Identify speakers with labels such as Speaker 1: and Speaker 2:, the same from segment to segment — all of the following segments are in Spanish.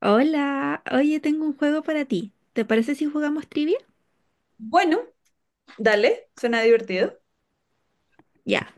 Speaker 1: Hola, oye, tengo un juego para ti. ¿Te parece si jugamos trivia?
Speaker 2: Bueno, dale, suena divertido.
Speaker 1: Ya.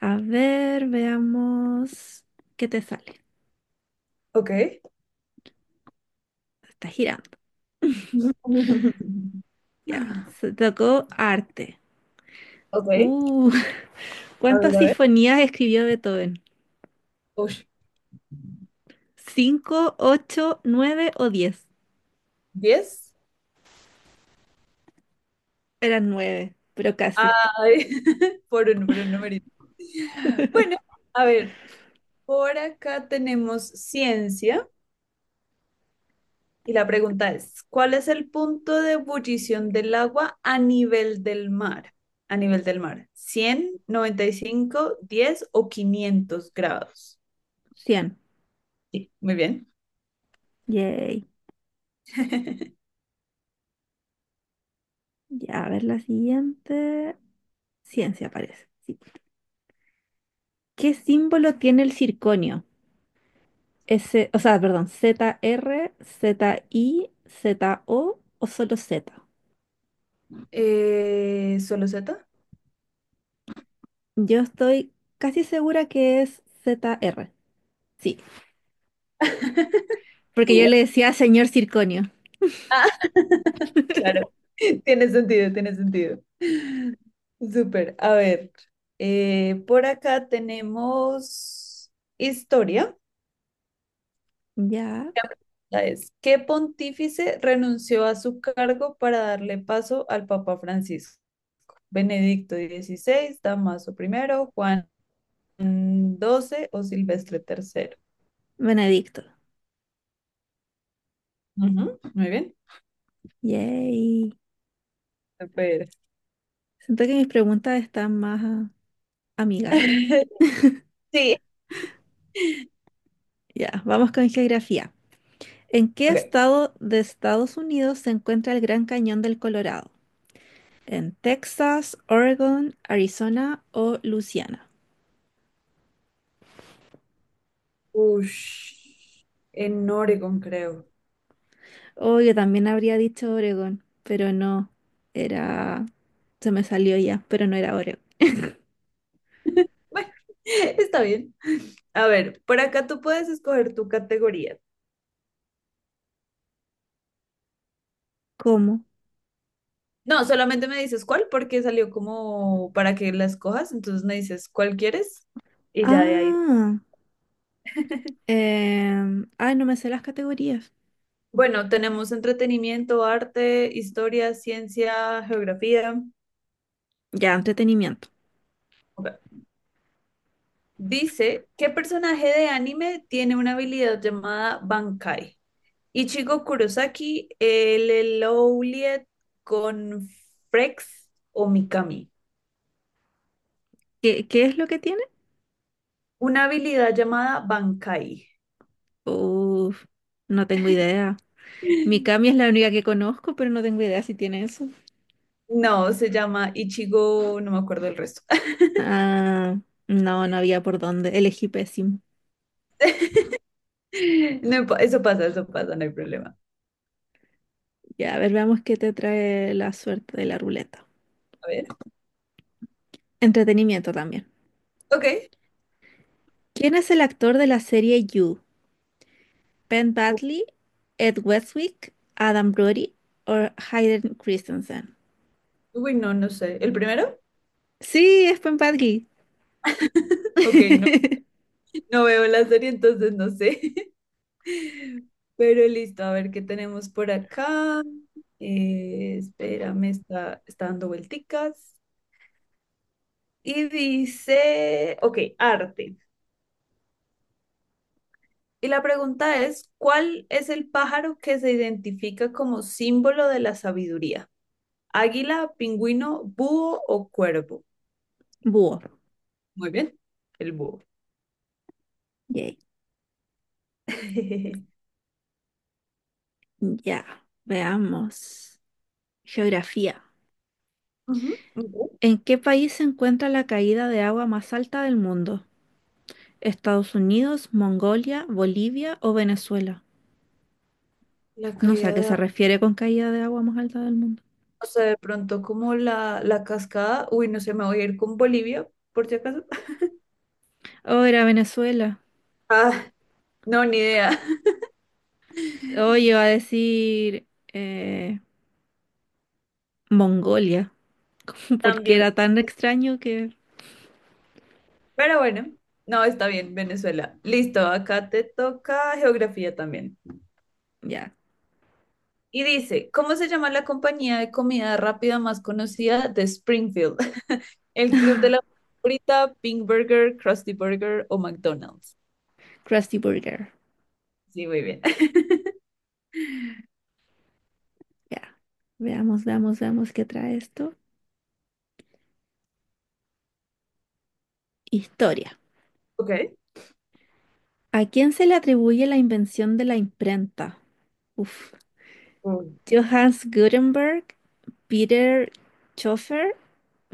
Speaker 1: A ver, veamos qué te sale.
Speaker 2: Ok.
Speaker 1: Está girando. Ya. Se tocó arte.
Speaker 2: Ok,
Speaker 1: Uh,
Speaker 2: a
Speaker 1: ¿cuántas
Speaker 2: ver, a ver.
Speaker 1: sinfonías escribió Beethoven?
Speaker 2: Ush,
Speaker 1: ¿Cinco, ocho, nueve o 10?
Speaker 2: 10.
Speaker 1: Eran nueve, pero casi.
Speaker 2: Ay, por un numerito. Bueno, a ver, por acá tenemos ciencia y la pregunta es, ¿cuál es el punto de ebullición del agua a nivel del mar? A nivel del mar, ¿cien, noventa y cinco, diez o 500 grados?
Speaker 1: 100.
Speaker 2: Sí, muy bien.
Speaker 1: Yay. Ya, a ver la siguiente. Ciencia parece. Sí. ¿Qué símbolo tiene el circonio? S, o sea, perdón, Zr Z I Z o solo Z.
Speaker 2: ¿Solo Z?
Speaker 1: Yo estoy casi segura que es Zr, sí, porque yo
Speaker 2: Sí.
Speaker 1: le decía señor Circonio.
Speaker 2: Claro, tiene sentido, tiene sentido. Súper. A ver, por acá tenemos historia.
Speaker 1: Ya,
Speaker 2: Esta Es, ¿qué pontífice renunció a su cargo para darle paso al Papa Francisco? ¿Benedicto dieciséis, Damaso primero, Juan doce o Silvestre tercero?
Speaker 1: Benedicto.
Speaker 2: Ujú. Muy bien.
Speaker 1: Yay.
Speaker 2: Súper.
Speaker 1: Siento que mis preguntas están más amigables.
Speaker 2: Sí.
Speaker 1: Ya, vamos con geografía. ¿En qué
Speaker 2: Ok.
Speaker 1: estado de Estados Unidos se encuentra el Gran Cañón del Colorado? ¿En Texas, Oregon, Arizona o Luisiana?
Speaker 2: Ush, en Oregon, creo.
Speaker 1: Oh, yo también habría dicho Oregón, pero no, era... Se me salió ya, pero no era Oregón.
Speaker 2: Bueno, está bien. A ver, por acá tú puedes escoger tu categoría.
Speaker 1: ¿Cómo?
Speaker 2: No, solamente me dices cuál porque salió como para que la escojas, entonces me dices cuál quieres y ya de ahí.
Speaker 1: Ah, ay, no me sé las categorías.
Speaker 2: Bueno, tenemos entretenimiento, arte, historia, ciencia, geografía.
Speaker 1: Ya, entretenimiento.
Speaker 2: Ok. Dice, ¿qué personaje de anime tiene una habilidad llamada Bankai? Ichigo Kurosaki, el Elowliet con Frex o Mikami.
Speaker 1: ¿Qué es lo que tiene?
Speaker 2: Una habilidad llamada Bankai.
Speaker 1: Uf, no tengo idea. Mikami es la única que conozco, pero no tengo idea si tiene eso.
Speaker 2: No, se llama Ichigo, no me acuerdo el resto.
Speaker 1: Ah, no, no había por dónde. Elegí pésimo.
Speaker 2: No impo- eso pasa, no hay problema.
Speaker 1: Ya, a ver, veamos qué te trae la suerte de la ruleta.
Speaker 2: A ver,
Speaker 1: Entretenimiento también.
Speaker 2: ok.
Speaker 1: ¿Quién es el actor de la serie You? Ben
Speaker 2: U-
Speaker 1: Badley, Ed Westwick, Adam Brody o Hayden Christensen.
Speaker 2: uy, no, no sé. ¿El primero?
Speaker 1: Sí, es Ben Badley.
Speaker 2: Ok, no, no veo la serie, entonces no sé. Pero listo, a ver qué tenemos por acá. Espérame, está dando vuelticas. Y dice, ok, arte. Y la pregunta es, ¿cuál es el pájaro que se identifica como símbolo de la sabiduría? ¿Águila, pingüino, búho o cuervo?
Speaker 1: Búho.
Speaker 2: Muy bien. El búho.
Speaker 1: Yay. Ya, veamos. Geografía.
Speaker 2: Ujú, ujú.
Speaker 1: ¿En qué país se encuentra la caída de agua más alta del mundo? ¿Estados Unidos, Mongolia, Bolivia o Venezuela?
Speaker 2: La
Speaker 1: No sé a
Speaker 2: caída
Speaker 1: qué
Speaker 2: de
Speaker 1: se
Speaker 2: agua,
Speaker 1: refiere con caída de agua más alta del mundo.
Speaker 2: o sea, de pronto como la cascada. Uy, no sé, me voy a ir con Bolivia, por si acaso.
Speaker 1: Oh, era Venezuela.
Speaker 2: Ah, no, ni idea.
Speaker 1: Oh, yo iba a decir eh, Mongolia, porque
Speaker 2: También.
Speaker 1: era tan extraño que
Speaker 2: Pero bueno, no, está bien, Venezuela. Listo, acá te toca geografía también.
Speaker 1: ya,
Speaker 2: Y dice, ¿cómo se llama la compañía de comida rápida más conocida de Springfield? ¿El Club de la Frita, Pink Burger, Krusty Burger o McDonald's?
Speaker 1: Krusty Burger.
Speaker 2: Sí, muy bien.
Speaker 1: Ya, veamos, veamos, veamos qué trae esto. Historia.
Speaker 2: Ok.
Speaker 1: ¿A quién se le atribuye la invención de la imprenta? Uf.
Speaker 2: Uy,
Speaker 1: Johannes Gutenberg, Peter Schoeffer,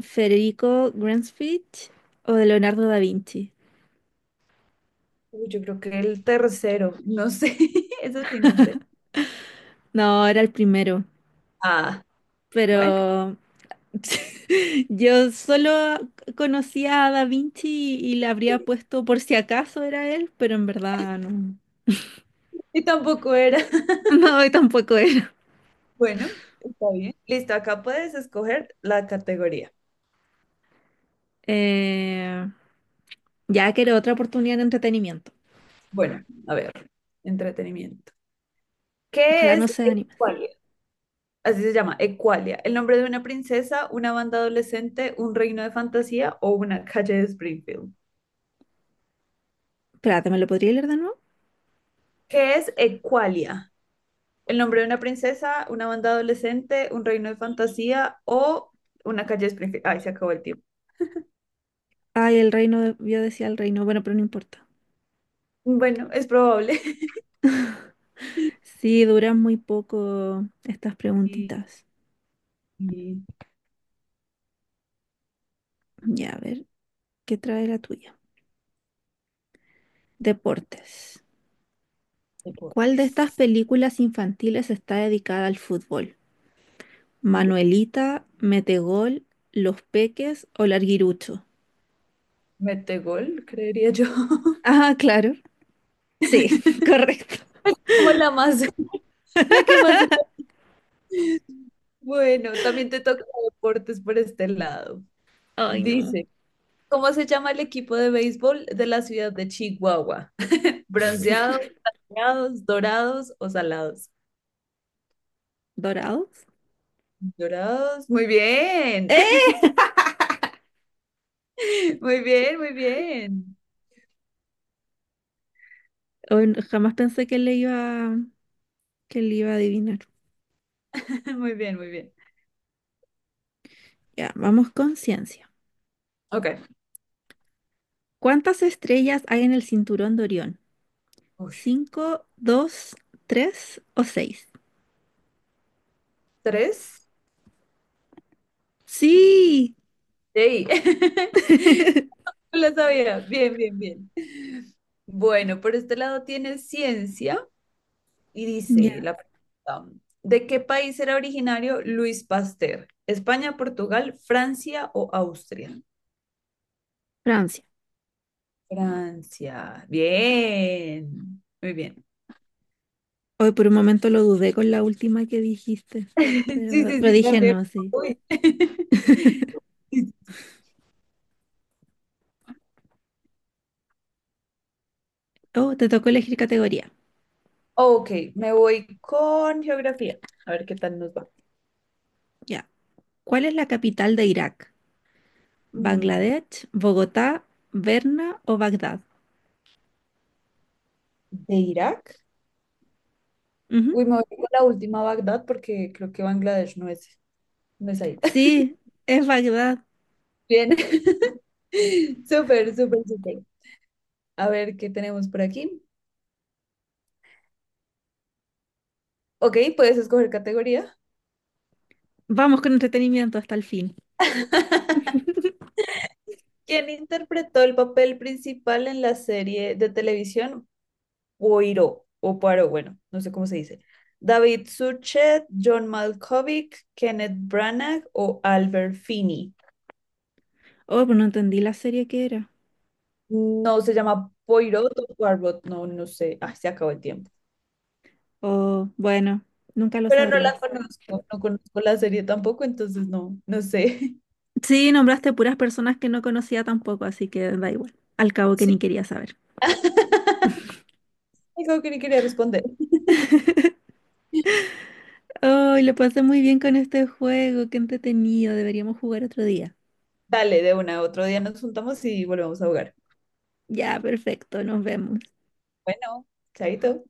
Speaker 1: Federico Gransfitch o Leonardo da Vinci.
Speaker 2: yo creo que el tercero, no sé, eso sí, no sé.
Speaker 1: No, era el primero,
Speaker 2: Ah, bueno,
Speaker 1: pero yo solo conocía a da Vinci y le habría puesto por si acaso era él, pero en verdad no.
Speaker 2: y tampoco era.
Speaker 1: No, y tampoco es.
Speaker 2: Bueno, está bien. Listo, acá puedes escoger la categoría.
Speaker 1: Eh, ya quiero otra oportunidad de entretenimiento.
Speaker 2: Bueno, a ver, entretenimiento. ¿Qué
Speaker 1: Ojalá
Speaker 2: es
Speaker 1: no se
Speaker 2: el
Speaker 1: anime.
Speaker 2: cual? Así se llama, Equalia, ¿el nombre de una princesa, una banda adolescente, un reino de fantasía o una calle de Springfield?
Speaker 1: Espérate, ¿me lo podría leer de nuevo?
Speaker 2: ¿Qué es Equalia? El nombre de una princesa, una banda adolescente, un reino de fantasía o una calle de Springfield. Ay, se acabó el tiempo.
Speaker 1: Ay, el reino, de- yo decía el reino, bueno, pero no importa.
Speaker 2: Bueno, es probable.
Speaker 1: Sí, duran muy poco estas
Speaker 2: Y,
Speaker 1: preguntitas.
Speaker 2: y
Speaker 1: Ya, a ver, ¿qué trae la tuya? Deportes. ¿Cuál de estas
Speaker 2: deportes.
Speaker 1: películas infantiles está dedicada al fútbol?
Speaker 2: Ujú.
Speaker 1: ¿Manuelita, Metegol, Los Peques o Larguirucho?
Speaker 2: Mete gol, creería yo.
Speaker 1: Ah, claro. Sí, correcto.
Speaker 2: Como la más, la que más se... Bueno, también te toca deportes por este lado.
Speaker 1: Ay, no.
Speaker 2: Dice, ¿cómo se llama el equipo de béisbol de la ciudad de Chihuahua? ¿Bronceados, plateados, dorados o salados?
Speaker 1: ¿Dorados?
Speaker 2: Dorados, muy bien,
Speaker 1: ¡Eh!
Speaker 2: muy bien,
Speaker 1: Hoy n- jamás pensé que le iba a adivinar.
Speaker 2: muy bien, muy bien.
Speaker 1: Ya, vamos con ciencia.
Speaker 2: Ok,
Speaker 1: ¿Cuántas estrellas hay en el cinturón de Orión?
Speaker 2: ush.
Speaker 1: ¿Cinco, dos, tres o seis?
Speaker 2: ¿Tres?
Speaker 1: Sí,
Speaker 2: Sí, no lo sabía, bien, bien, bien. Bueno, por este lado tiene ciencia y dice
Speaker 1: ya.
Speaker 2: la pregunta, ¿de qué país era originario Luis Pasteur? ¿España, Portugal, Francia o Austria?
Speaker 1: Francia.
Speaker 2: Francia. Bien. Muy bien.
Speaker 1: Hoy por un momento lo dudé con la última que dijiste,
Speaker 2: Sí,
Speaker 1: pero,
Speaker 2: sí,
Speaker 1: pero
Speaker 2: sí,
Speaker 1: dije
Speaker 2: también.
Speaker 1: no, sí.
Speaker 2: Uy. Sí, sí.
Speaker 1: Oh, te tocó elegir categoría.
Speaker 2: Ok, me voy con geografía. A ver qué tal nos va.
Speaker 1: Ya. ¿Cuál es la capital de Irak?
Speaker 2: Mm,
Speaker 1: ¿Bangladesh, Bogotá, Berna o Bagdad?
Speaker 2: ¿de Irak?
Speaker 1: Ujú.
Speaker 2: Uy, me voy con la última, Bagdad, porque creo que Bangladesh no es ahí.
Speaker 1: Sí, es Bagdad.
Speaker 2: Bien. Súper, súper, súper. A ver qué tenemos por aquí. Ok, puedes escoger categoría.
Speaker 1: Vamos con entretenimiento hasta el fin.
Speaker 2: ¿Quién interpretó el papel principal en la serie de televisión Poirot, o Poirot, bueno, no sé cómo se dice? David Suchet, John Malkovich, Kenneth Branagh o Albert Finney.
Speaker 1: Oh, pero no entendí la serie que era.
Speaker 2: No se llama Poirot o Poirot, no, no sé. Ah, se acabó el tiempo.
Speaker 1: Oh, bueno, nunca lo
Speaker 2: Pero no la
Speaker 1: sabremos.
Speaker 2: conozco, no conozco la serie tampoco, entonces no, no sé.
Speaker 1: Sí, nombraste puras personas que no conocía tampoco, así que da igual. Al cabo que
Speaker 2: Sí.
Speaker 1: ni quería saber.
Speaker 2: Digo que ni quería responder.
Speaker 1: Oh, lo pasé muy bien con este juego, qué entretenido. Deberíamos jugar otro día.
Speaker 2: Dale, de una, otro día nos juntamos y volvemos a jugar.
Speaker 1: Ya, perfecto, nos vemos.
Speaker 2: Bueno, chaito.